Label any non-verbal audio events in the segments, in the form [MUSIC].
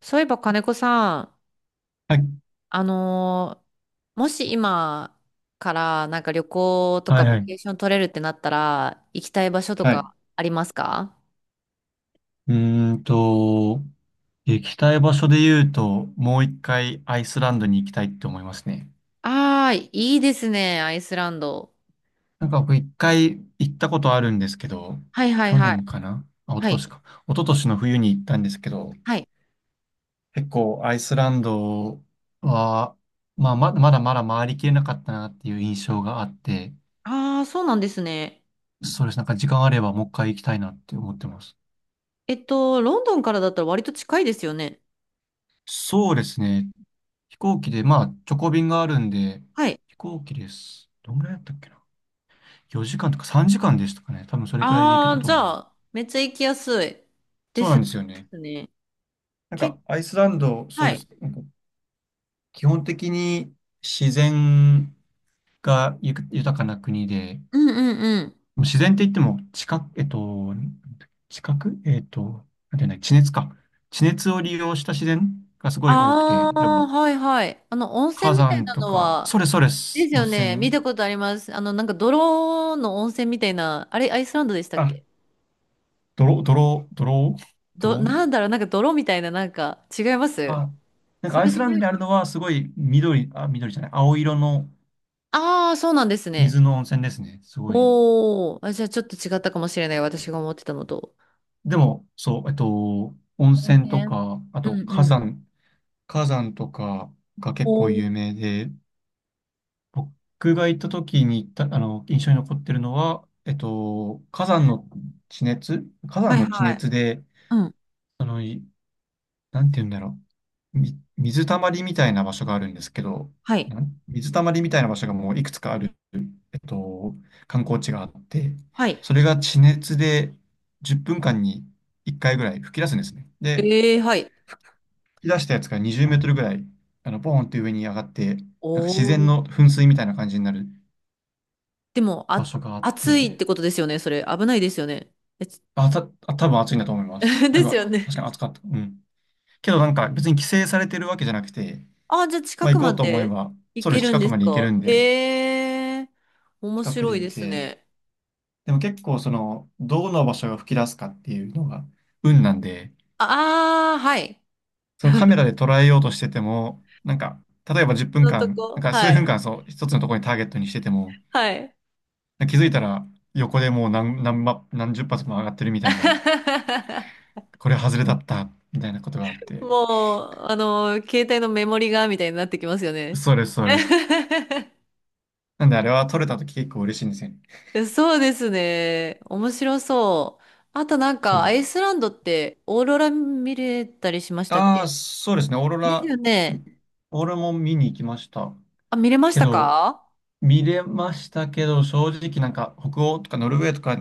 そういえば金子さん、はい、あのーもし今からなんか旅行とはかい、バはケーい。ション取れるってなったら、行きたい場所とはい。かありますか？うーんと、行きたい場所で言うと、もう一回アイスランドに行きたいって思いますね。ああー、いいですね、アイスランド。なんか僕一回行ったことあるんですけど、はいはい去はい。年かなあ、一昨はい。年か。一昨年の冬に行ったんですけど、はい。結構アイスランドは、まあ、まだまだ回りきれなかったなっていう印象があって、ああ、そうなんですね。そうです。なんか時間あればもう一回行きたいなって思ってます。ロンドンからだったら割と近いですよね。そうですね。飛行機で、まあ、直行便があるんで、はい。飛行機です。どんぐらいだったっけな？ 4 時間とか3時間でしたかね。多分それくらいで行けあたあ、とじゃ思う。あ、めっちゃ行きやすい。でそうすなんね。ですよでね。すね。なんけ、か、アイスランド、そうはでい。す。なんか基本的に自然が豊かな国で、うんうんうん。自然って言っても、地殻、えっと、地殻えっと、なんていうんだ、地熱か。地熱を利用した自然がすごい多くて、あ例えば、あ、はいはい。あの、温火泉みたい山なとのか、は、それそれでです。す温よね。見た泉。ことあります。あの、なんか泥の温泉みたいな、あれ、アイスランドでしたっあ、け？ドロ、ドロ、ドロ、ドロンなんだろう、なんか泥みたいな、なんか、違います？あ、なんかそアイれスじゃランなドにい。あるのはすごい緑、あ、緑じゃない、青色のああー、そうなんですね。水の温泉ですね。すごい。おー、あ、じゃあちょっと違ったかもしれない。私が思ってたのと。でも、そう、温温泉と泉、か、あうとん火うん。山、火山とかが結構おー、有名で、僕が行った時に行った、印象に残ってるのは、火山の地熱はい地はい。熱で、うん、あの、いなんて言うんだろう。水たまりみたいな場所があるんですけど、はい。水たまりみたいな場所がもういくつかある、えっと、観光地があって、はい。それが地熱で10分間に1回ぐらい吹き出すんですね。で、ええ、はい。吹き出したやつが20メートルぐらい、ポーンって上に上がって、なんか自お然ー。の噴水みたいな感じになるでも、場あ、所があっ暑いて、ってことですよね、それ。危ないですよね。多分暑いんだと思いま [LAUGHS] す。なでんすか、よね。確かに暑かった。うん。けどなんか別に規制されてるわけじゃなくて、あ、じゃあま近あ、く行こまうと思えでば、行ソウけルるん近くですまで行けるか？んで、へえ、面近く白でい見ですて、ね。でも結構その、どの場所が吹き出すかっていうのが運なんで、ああ、はい。そのカメラで捉えようとしてても、なんか、例えば10分のと間、なんこ、かは数い。分間そう、一つのところにターゲットにしてても、はい。気づいたら横でもう何十発も上がってるみたいな、[LAUGHS] これ外れだった、みたいなことがあって、もう、あの、携帯のメモリが、みたいになってきますよね。そうです、そうです。[LAUGHS] なんであれは撮れたとき結構嬉しいんですよね。そうですね。面白そう。あとなんそか、アれ。イスランドってオーロラ見れたりしましたっああ、け？そうですね。オーロでラ、すよね。んオーロラも見に行きました。あ、見れましけたど、か？見れましたけど、正直なんか北欧とかノルウェーとか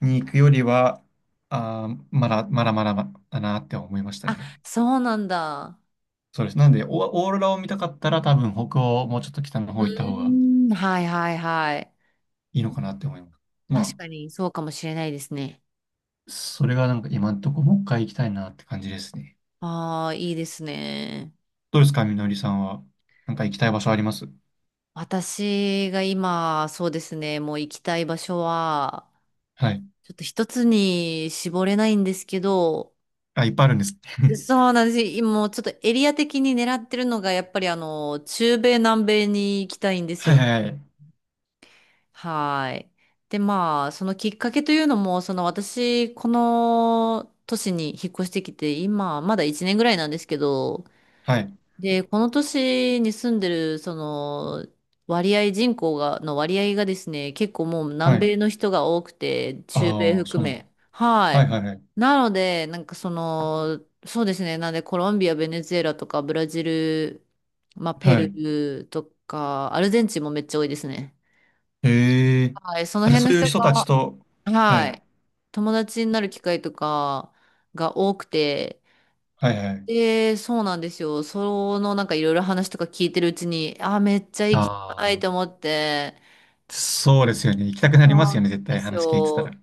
に行くよりは、あー、まだまだなって思いましたあ、ね。そうなんだ。そうです。なんで、オーロラを見たかったら多分北欧、もうちょっと北の方う行った方がーん、はいはいはい。いいのかなって思います。確まかにそうかもしれないですね。あ、それがなんか今んとこもう一回行きたいなって感じですね。ああ、いいですね。どうですか、みのりさんは。なんか行きたい場所あります？私が今、そうですね、もう行きたい場所は、はい。ちょっと一つに絞れないんですけど、あ、いっぱいあるんです。[LAUGHS] そうなんです。今もうちょっとエリア的に狙ってるのが、やっぱりあの、中米、南米に行きたいんですはいよね。はいはい。はい。で、まあ、そのきっかけというのも、その私、この都市に引っ越してきて、今、まだ1年ぐらいなんですけど、はい。で、この都市に住んでる、その、割合、人口が、の割合がですね、結構もうは南い。米の人が多くて、中米ああ、そ含うなんだ。め。ははい。いはいはい。なので、なんかその、そうですね、なんでコロンビア、ベネズエラとか、ブラジル、まあ、ペはルい。ーとか、アルゼンチンもめっちゃ多いですね。へえ。はい、そのあ、じゃあ辺そのういう人人たちが、と、ははい。い、友達になる機会とかが多くて、はいはい。で、そうなんですよ。そのなんかいろいろ話とか聞いてるうちに、あー、めっちゃ行きあたいあ、と思って。そうですよね。行きたくなりまそすうよなね。絶んで対す話聞いてたら。よ。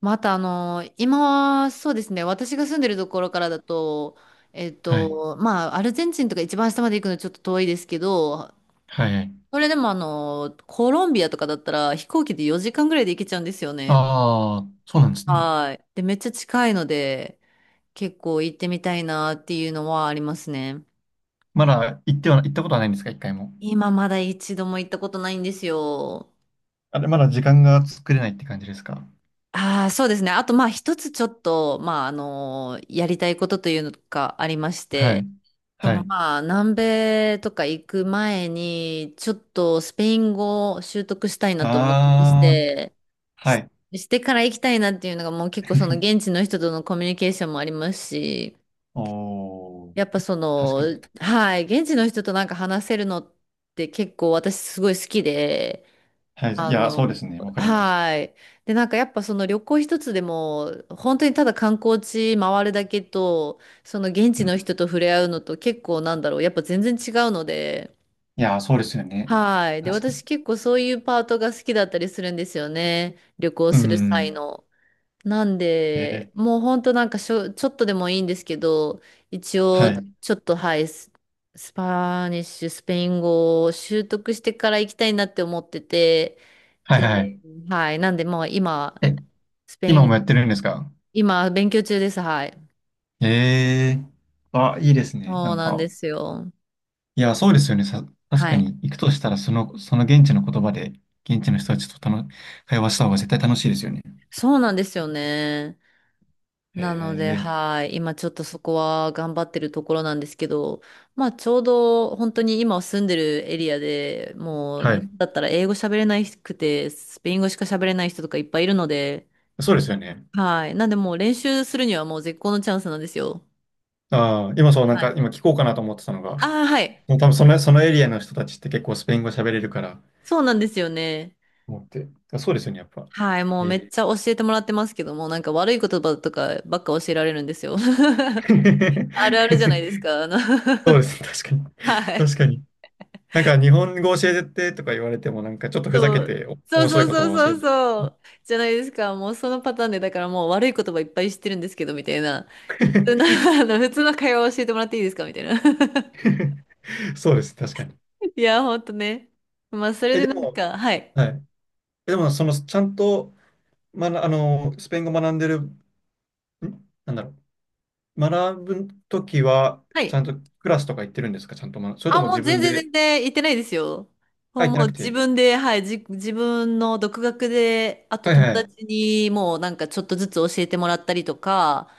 またあの、今はそうですね、私が住んでるところからだと、はい。まあ、アルゼンチンとか一番下まで行くのちょっと遠いですけど、はいはい。それでもあの、コロンビアとかだったら飛行機で4時間ぐらいで行けちゃうんですよね。ああ、そうなんですね。はい。で、めっちゃ近いので、結構行ってみたいなっていうのはありますね。まだ行っては、行ったことはないんですか、一回も？今まだ一度も行ったことないんですよ。あれ、まだ時間が作れないって感じですか？ああ、そうですね。あと、まあ、一つちょっと、まあ、あの、やりたいことというのがありましはて、い。そはの、い。まあ、南米とか行く前に、ちょっとスペイン語を習得したいなと思ってましああ、て、はし、い。してから行きたいなっていうのが、もう結構その現 [LAUGHS] 地の人とのコミュニケーションもありますし、おー、やっぱそ確の、かに。はい、現地の人となんか話せるのって結構私すごい好きで、はい。いあや、そうでの、すね。わかります。はい。で、なんかやっぱその旅行一つでも、本当にただ観光地回るだけと、その現地うん。の人と触れ合うのと結構なんだろう、やっぱ全然違うので、いや、そうですよね。はい。で、確かに。私結構そういうパートが好きだったりするんですよね。旅行うする際ん。の。なんえで、ーもうほんとなんかちょっとでもいいんですけど、一は応い。ちょっとはい、スパニッシュ、スペイン語を習得してから行きたいなって思ってて、はいはで、い。はい、なんでもう今、え、スペイ今もン、やってるんですか？今勉強中です、はい。ええーあ、いいですね。なそうんなんでか、すよ。いや、そうですよね。確はかい。に、行くとしたら、その、その現地の言葉で、現地の人たちと会話した方が絶対楽しいですよね。そうなんですよね。へなので、え。はい。今ちょっとそこは頑張ってるところなんですけど、まあちょうど本当に今住んでるエリアでもう、はない。んだったら英語喋れなくて、スペイン語しか喋れない人とかいっぱいいるので、そうですよね。はい。なんでもう練習するにはもう絶好のチャンスなんですよ。ああ、今そう、なんはい。か、今聞こうかなと思ってたのが、ああ、はい。もう多分その、そのエリアの人たちって結構スペイン語喋れるから、そうなんですよね。思って。そうですよね、やっぱ。はい。もうへめっえ。ちゃ教えてもらってますけども、なんか悪い言葉とかばっか教えられるんですよ。[LAUGHS] あるあるじゃないです [LAUGHS] か。あの そうですね、確かに。[LAUGHS] はい。確かに。なんか日本語教えてとか言われてもなんかちょっとふざけそう、てそう面白そいう言葉そうを教えそうて。そう。じゃないですか。もうそのパターンで、だからもう悪い言葉いっぱい知ってるんですけど、みたいな。普通の、[LAUGHS] あの、普通の会話を教えてもらっていいですかみたいな。[LAUGHS] [LAUGHS] そうです、確かに。いや、ほんとね。まあ、それえ、でなでんも、か、はい。はい。え、でも、その、ちゃんと、まあの、スペイン語学んでる、なんだろう。学ぶときは、はちい。ゃんとクラスとか行ってるんですか？ちゃんと学、それとあ、ももう自全分然で、全然言ってないですよ。あ、もう、行ってもなうく自て。分で、はい、自分の独学で、あとはい友はい。達にもうなんかちょっとずつ教えてもらったりとか、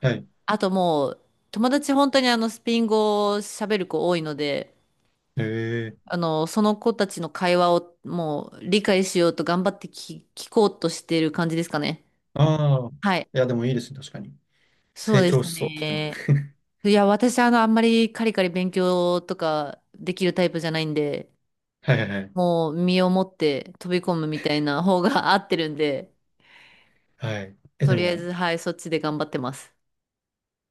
はい。あともう、友達本当にあのスペイン語を喋る子多いので、へえ。あの、その子たちの会話をもう理解しようと頑張って聞こうとしてる感じですかね。ああ。はい。いや、でもいいですね、確かに。そう成で長すしそう、そっちの。ね。[LAUGHS] いや、私、あの、あんまりカリカリ勉強とかできるタイプじゃないんで、はいはいはい。もう身をもって飛び込むみたいな方が [LAUGHS] 合ってるんで、はい。え、とでりあえも、ず、はい、そっちで頑張ってます。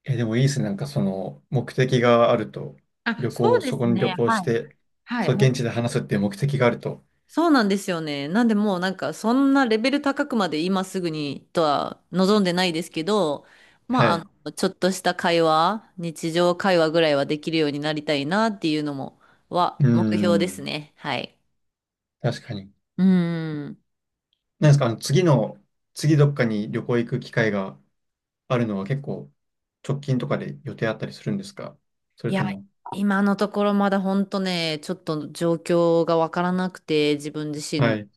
え、でもいいですね。なんかその目的があると、あ、旅そう行、でそすこに旅ね。行しはい。て、はそう、い。現地で話すっていう目的があると。そうなんですよね。なんでもうなんかそんなレベル高くまで今すぐにとは望んでないですけど、はまあ、あい。うの、ちょっとした会話、日常会話ぐらいはできるようになりたいなっていうのも、はー目標ですん。ね。はい。確かに。うーん。なんですか、次どっかに旅行行く機会があるのは結構直近とかで予定あったりするんですか？そいれとや、も。今のところまだ本当ね、ちょっと状況がわからなくて、自分自身はの。い。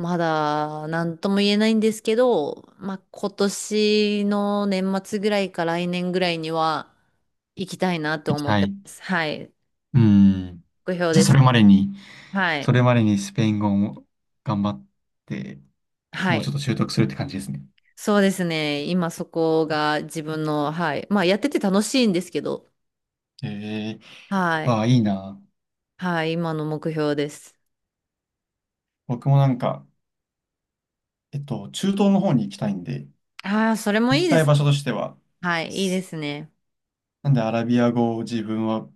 まだ何とも言えないんですけど、まあ、今年の年末ぐらいか来年ぐらいには行きたいなと行き思ったい。てまうす。はい。ーん。目標じゃであ、す。はい。それまでにスペイン語も頑張って、はもうちょっい。と習得するって感じですね。そうですね。今そこが自分の、はい。まあやってて楽しいんですけど、ええはい。ああ、いいな。はい。今の目標です。僕もなんか、中東の方に行きたいんで、ああ、それも行いきいでたいす。場所としては、はい。いいですすね。なんでアラビア語を自分は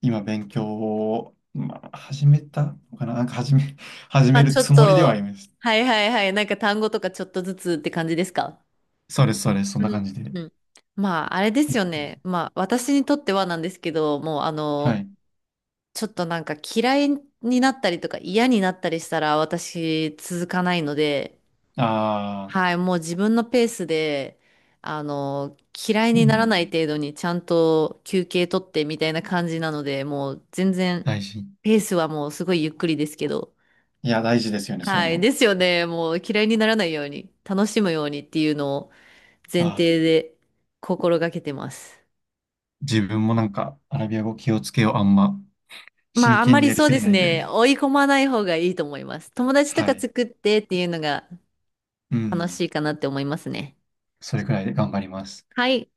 今勉強を、まあ、始めたのかな、なんか始め、[LAUGHS] 始まめあるちょっつもりではと、います。はいはいはい。なんか単語とかちょっとずつって感じですか？そうです、そうです、そんうなん感じで。うん、まあ、あれですよね。まあ、私にとってはなんですけど、もう、あはの、い。ちょっとなんか嫌いになったりとか嫌になったりしたら私続かないので、ああ、はい、もう自分のペースで、あの、嫌いうにならないん、程度にちゃんと休憩取ってみたいな感じなので、もう全然、大事。ペースはもうすごいゆっくりですけど、いや、大事ですよね、そういうはい、の。ですよね。もう嫌いにならないように、楽しむようにっていうのを前ああ、提で心がけてます。自分もなんかアラビア語気をつけよう、あんまま真あ、あんま剣にりやりそうすでぎすないね。で。追い込まない方がいいと思います。友達とはかい。作ってっていうのがう楽しん、いかなって思いますね。それくらいで頑張ります。はい。